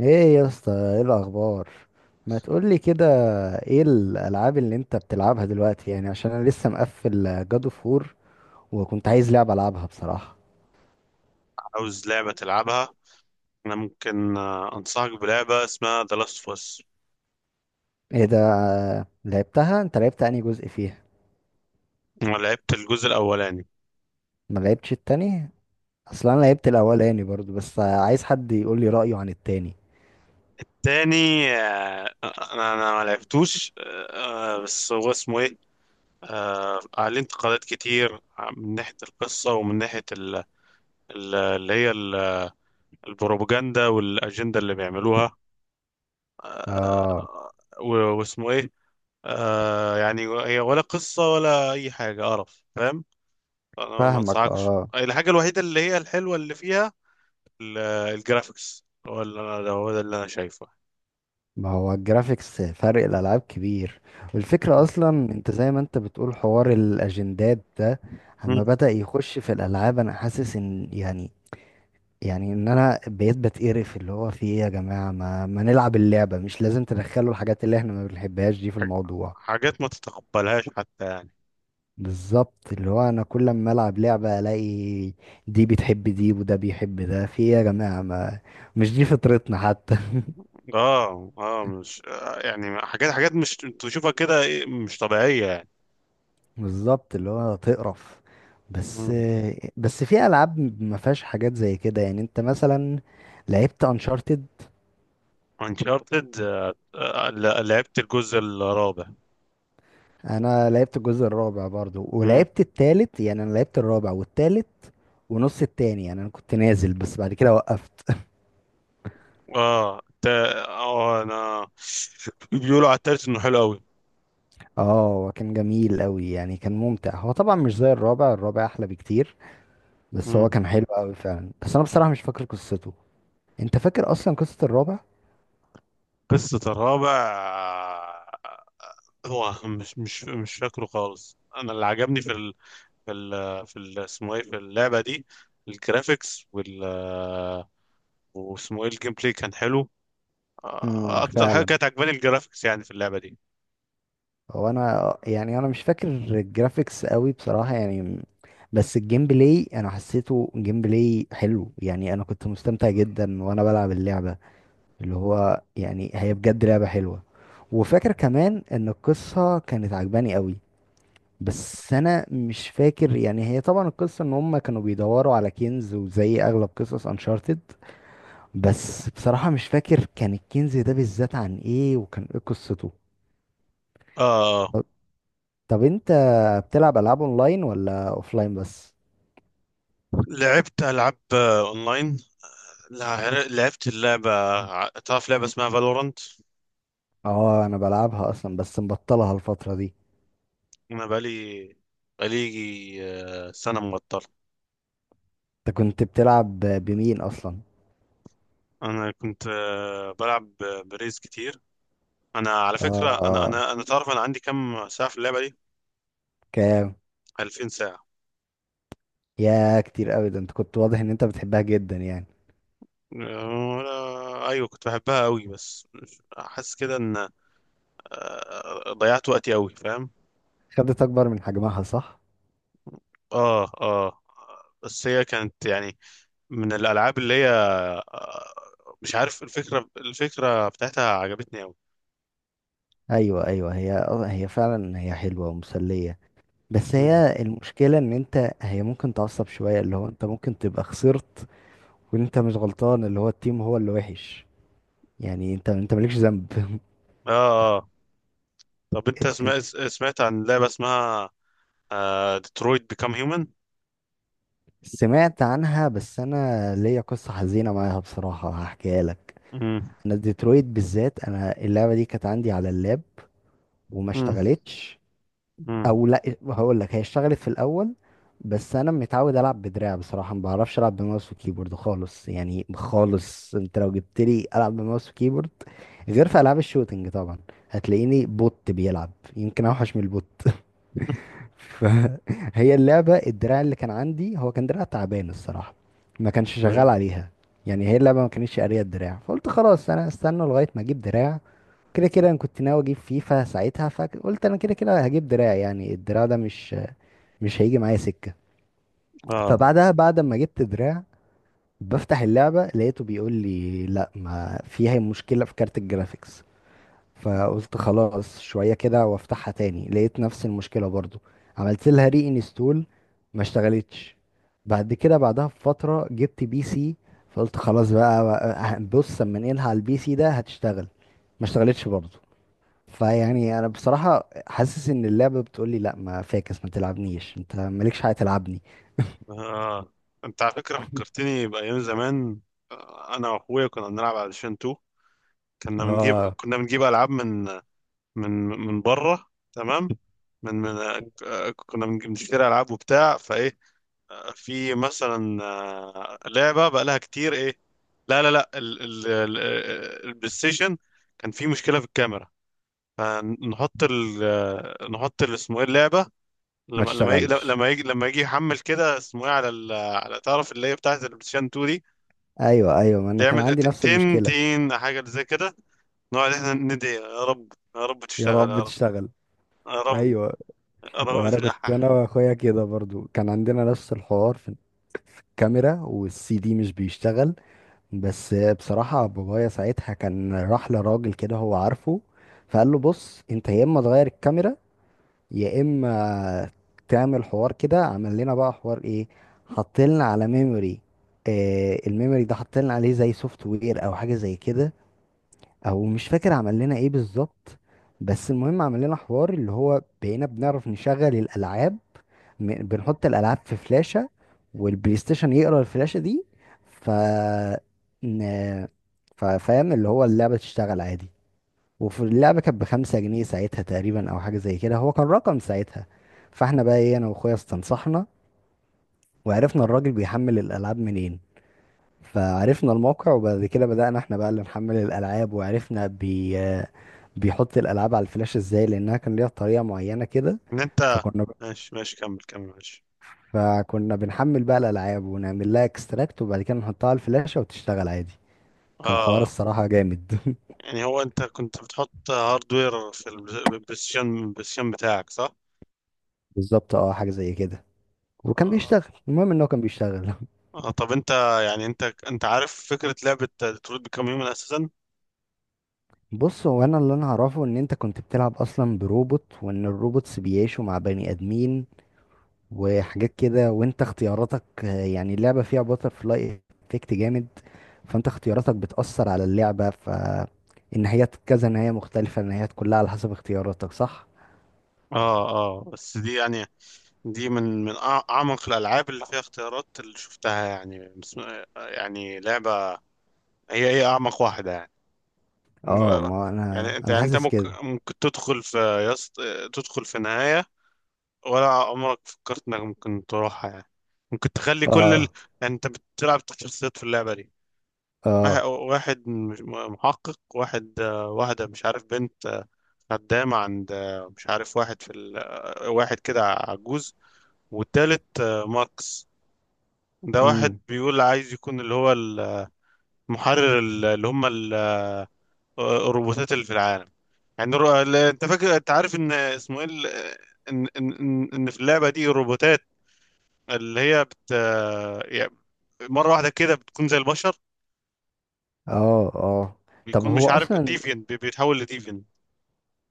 ايه يا اسطى، ايه الاخبار؟ ما تقولي كده. ايه الالعاب اللي انت بتلعبها دلوقتي؟ يعني عشان انا لسه مقفل جادو فور، وكنت عايز لعبه العبها بصراحه. عاوز لعبة تلعبها. أنا ممكن أنصحك بلعبة اسمها The Last of Us. ايه ده؟ لعبتها انت؟ لعبت انهي جزء فيها؟ أنا لعبت الجزء الأولاني. ما لعبتش التاني؟ اصلا انا لعبت الاولاني برضو، بس عايز حد يقولي رايه عن التاني. تاني، أنا ما لعبتوش. بس هو اسمه إيه؟ عليه انتقادات كتير، من ناحية القصة ومن ناحية ال- اللي هي ال- البروباجندا والأجندة اللي بيعملوها. آه، اه، واسمه إيه؟ يعني هي ولا قصة ولا أي حاجة، قرف، فاهم؟ أنا ما فاهمك. أنصحكش. اه، الحاجة الوحيدة اللي هي الحلوة اللي فيها ال- الجرافيكس. هو ده اللي انا شايفه. ما هو الجرافيكس فرق الالعاب كبير. والفكره اصلا انت زي ما انت بتقول، حوار الاجندات ده مم. اما بدا يخش في الالعاب انا حاسس ان يعني ان انا بقيت بتقرف. اللي هو في ايه يا جماعه، ما نلعب اللعبه، مش لازم تدخلوا الحاجات اللي احنا ما بنحبهاش دي في ح- الموضوع. حاجات ما تتقبلهاش حتى يعني. بالظبط، اللي هو انا كل ما العب لعبه الاقي دي بتحب دي وده بيحب ده. في ايه يا جماعه؟ ما مش دي فطرتنا حتى. اه، اه، مش آه، يعني حاجات مش تشوفها كده، إيه، مش طبيعية يعني. بالظبط، اللي هو تقرف بس. مم. بس في العاب ما فيهاش حاجات زي كده. يعني انت مثلا لعبت انشارتد. انشارتد. لعبت الجزء الرابع. انا لعبت الجزء الرابع برضو، مم. ولعبت التالت. يعني انا لعبت الرابع والتالت ونص التاني. يعني انا كنت نازل بس بعد كده وقفت. اه، تا آه انا، بيقولوا على التالت انه حلو قوي. اه، هو كان جميل قوي، يعني كان ممتع. هو طبعا مش زي الرابع، الرابع احلى بكتير. بس هو مم. كان حلو قوي فعلا، بس انا بصراحة مش فاكر قصته. انت فاكر اصلا قصة الرابع؟ قصة الرابع؟ آه، هو مش فاكره خالص. انا اللي عجبني في في ال في ال اسمه ايه في اللعبة دي الجرافيكس. وال واسمه ايه الجيم بلاي كان حلو. اكتر حاجة فعلا. كانت عجباني الجرافيكس يعني في اللعبة دي. هو انا يعني انا مش فاكر الجرافيكس قوي بصراحة يعني، بس الجيم بلاي انا حسيته جيم بلاي حلو. يعني انا كنت مستمتع جدا وانا بلعب اللعبة. اللي مم. هو يعني هي بجد لعبة حلوة. وفاكر كمان ان القصة كانت عجباني قوي. بس انا مش فاكر، يعني هي طبعا القصة ان هم كانوا بيدوروا على كنز، وزي اغلب قصص انشارتد. بس بصراحة مش فاكر كان الكنز ده بالذات عن ايه وكان ايه قصته. اه، طب انت بتلعب العاب اونلاين ولا اوفلاين بس؟ لعبت العاب اونلاين. لعبت اللعبة. تعرف لعبة اسمها فالورانت؟ اه انا بلعبها اصلا بس مبطلها الفتره دي. انا بقالي سنة مبطل. انت كنت بتلعب بمين اصلا؟ انا كنت بلعب بريز كتير. انا على فكرة، انا اه، انا انا تعرف انا عندي كم ساعة في اللعبة دي؟ كام؟ 2000 ساعة. يا كتير قوي ده، انت كنت واضح ان انت بتحبها جدا يعني. وانا، ايوه، كنت بحبها قوي بس حاسس كده ان ضيعت وقتي قوي، فاهم؟ خدت اكبر من حجمها صح؟ اه، اه. بس هي كانت يعني من الالعاب اللي هي آه، مش عارف. الفكره بتاعتها عجبتني قوي. ايوه ايوه، هي فعلا، هي حلوه ومسليه. بس مم. هي المشكله ان انت هي ممكن تعصب شويه، اللي هو انت ممكن تبقى خسرت وانت مش غلطان، اللي هو التيم هو اللي وحش، يعني انت مالكش ذنب. اه، اه، طب انت سمعت عن لعبه اسمها ديترويت بيكام هيومن؟ سمعت عنها، بس انا ليا قصة حزينة معاها بصراحة، هحكيها لك. مم. انا ديترويت بالذات، انا اللعبة دي كانت عندي على اللاب وما مم. اشتغلتش. مم. او لا، هقول لك هي اشتغلت في الاول، بس انا متعود العب بدراع بصراحة، ما بعرفش العب بماوس وكيبورد خالص، يعني خالص. انت لو جبت لي العب بماوس وكيبورد، غير في العاب الشوتينج طبعا، هتلاقيني بوت بيلعب يمكن اوحش من البوت. فهي اللعبة، الدراع اللي كان عندي هو كان دراع تعبان الصراحة، ما كانش شغال أيوة. عليها. يعني هي اللعبة ما كانتش قارية الدراع، فقلت خلاص أنا استنى لغاية ما أجيب دراع. كده كده أنا كنت ناوي أجيب فيفا ساعتها، فقلت أنا كده كده هجيب دراع. يعني الدراع ده مش هيجي معايا سكة. اه، فبعدها، بعد ما جبت دراع، بفتح اللعبة لقيته بيقول لي لا، ما فيها مشكلة في كارت الجرافيكس. فقلت خلاص شوية كده وافتحها تاني، لقيت نفس المشكلة برضو. عملت لها ري انستول، ما اشتغلتش. بعد كده، بعدها بفترة، جبت بي سي. فقلت خلاص، بص اما انقلها على البي سي ده هتشتغل. ما اشتغلتش برضو. فيعني انا بصراحة حاسس ان اللعبة بتقولي لا، ما فاكس، ما تلعبنيش، انت مالكش حاجة تلعبني. اه، انت على فكره فكرتني بايام زمان. انا واخويا كنا بنلعب على شين. اه، كنا بنجيب العاب من من بره، تمام. من من آه، كنا بنج- بنشتري العاب وبتاع فايه. في مثلا لعبه بقى لها كتير، ايه، لا، لا، لا، البلاي ستيشن. كان في مشكله في الكاميرا، فنحط ال آه، نحط ال- اسمه ايه اللعبه. ما لما لما يجي تشتغلش. لما يجي لما يجي يحمل كده، اسمه ايه على تعرف اللي هي بتاعت البلاي ستيشن 2 دي. ايوه ايوه، ما انا كان يعمل عندي نفس تن، المشكلة. تن، حاجه زي كده. نقعد احنا ندعي، يا رب، يا رب يا تشتغل، يا رب رب، تشتغل. يا رب، ايوه. يا رب وانا كنت انا تلحح. واخويا كده برضو، كان عندنا نفس الحوار في الكاميرا والسي دي مش بيشتغل. بس بصراحة بابايا ساعتها كان راح لراجل كده هو عارفه، فقال له بص انت يا اما تغير الكاميرا، يا اما تعمل حوار كده. عمل لنا بقى حوار ايه؟ حط لنا على ميموري. آه الميموري ده حط لنا عليه زي سوفت وير او حاجة زي كده، او مش فاكر عمل لنا ايه بالظبط. بس المهم عمل لنا حوار، اللي هو بقينا بنعرف نشغل الالعاب. بنحط الالعاب في فلاشة والبلاي ستيشن يقرا الفلاشة دي. ف ن- فاهم، اللي هو اللعبة تشتغل عادي. وفي اللعبة كانت بخمسة جنيه ساعتها تقريبا أو حاجة زي كده، هو كان رقم ساعتها. فاحنا بقى ايه، أنا وأخويا استنصحنا وعرفنا الراجل بيحمل الألعاب منين. فعرفنا الموقع وبعد كده بدأنا احنا بقى اللي نحمل الألعاب، وعرفنا بيحط الألعاب على الفلاش ازاي، لأنها كان ليها طريقة معينة كده. انت. فكنا ماشي، ماشي، كمل كمل، ماشي. فكنا بنحمل بقى الألعاب ونعمل لها اكستراكت وبعد كده نحطها على الفلاشة وتشتغل عادي. كان حوار اه، الصراحة جامد. يعني هو، انت كنت بتحط هاردوير في البلايستيشن بتاعك صح؟ بالظبط اه، حاجة زي كده وكان آه. بيشتغل. المهم ان هو كان بيشتغل. اه، طب انت، يعني انت عارف فكرة لعبة ديترويت بيكام هيومن اساسا؟ بص هو انا اللي انا اعرفه ان انت كنت بتلعب اصلا بروبوت، وان الروبوتس بيعيشوا مع بني ادمين وحاجات كده. وانت اختياراتك، يعني اللعبة فيها باتر فلاي افكت جامد. فانت اختياراتك بتأثر على اللعبة، فالنهايات كذا نهاية مختلفة، النهايات كلها على حسب اختياراتك صح؟ اه، اه. بس دي يعني، دي اعمق الالعاب اللي فيها اختيارات اللي شفتها، يعني يعني لعبة، هي اعمق واحدة يعني. اه، ما يعني انا انت، انا حاسس ممكن كده. ممكن تدخل في يص... تدخل في نهاية ولا عمرك فكرت انك ممكن تروحها يعني؟ ممكن تخلي كل اه يعني انت بتلعب شخصيات في اللعبة دي. واحد اه. واحد، محقق واحد، واحدة مش عارف بنت، خدامة عند، مش عارف واحد في ال... آه، واحد كده عجوز، والتالت ماكس. ده واحد امم بيقول عايز يكون اللي هو المحرر اللي هم الروبوتات اللي في العالم. يعني انت عارف ان اسمه ايه ال- ان ان ان إن في اللعبه دي الروبوتات اللي هي بت آه، يعني مره واحده كده بتكون زي البشر. اه اه. طب بيكون هو مش عارف اصلا، ديفين، بيتحول لديفين.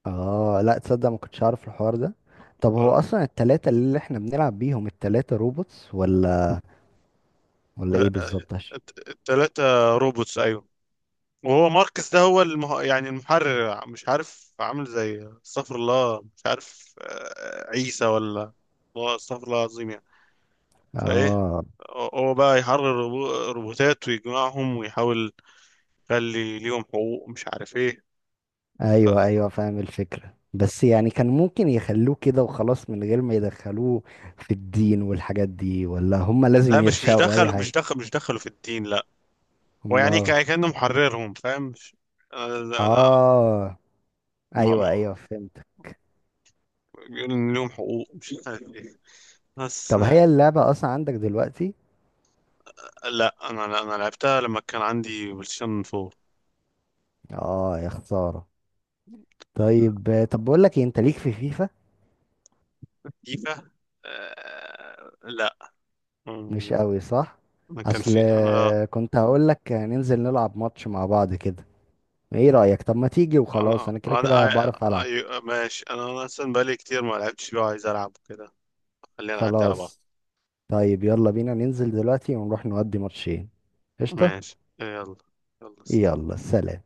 اه لا، تصدق ما كنتش عارف الحوار ده. طب هو اصلا التلاتة اللي احنا بنلعب بيهم، التلاتة روبوتس ولا ايه بالظبط؟ عشان- الثلاثه روبوتس، ايوه. وهو ماركس ده هو يعني المحرر، مش عارف، عامل زي، استغفر الله، مش عارف عيسى ولا، هو استغفر الله العظيم يعني. فايه، اه، هو بقى يحرر الروبوتات ويجمعهم ويحاول. قال لي ليهم حقوق، مش عارف ايه. ايوه ايوه فاهم الفكرة، بس يعني كان ممكن يخلوه كده وخلاص من غير ما يدخلوه في الدين والحاجات دي، ولا هم لازم لا، يرشقوا اي حاجة؟ مش دخلوا في الدين، لا. هم. ويعني كأنه محررهم، فاهم؟ مش انا انا اه ما- ما- ايوه ايوه فهمت. بيقول ان ليهم حقوق، مش عارف ايه، بس. طب هي اللعبة اصلا عندك دلوقتي؟ لا، انا لعبتها لما كان عندي بلايستيشن 4. اه، يا خسارة. طيب، طب بقول لك انت ليك في فيفا؟ فيفا. لا. مش أمم، قوي صح؟ انا كان اصل في كنت هقول لك ننزل نلعب ماتش مع بعض كده، ايه رأيك؟ طب ما تيجي وخلاص، انا انا كده كده انا بعرف العب. ماشي. أنا اصلا بقالي كتير ما لعبتش فيه وعايز العب كده. خلينا نعدي على بعض. خلاص. طيب يلا بينا ننزل دلوقتي ونروح نودي ماتشين. قشطة. ماشي، يلا، يلا. يلا سلام.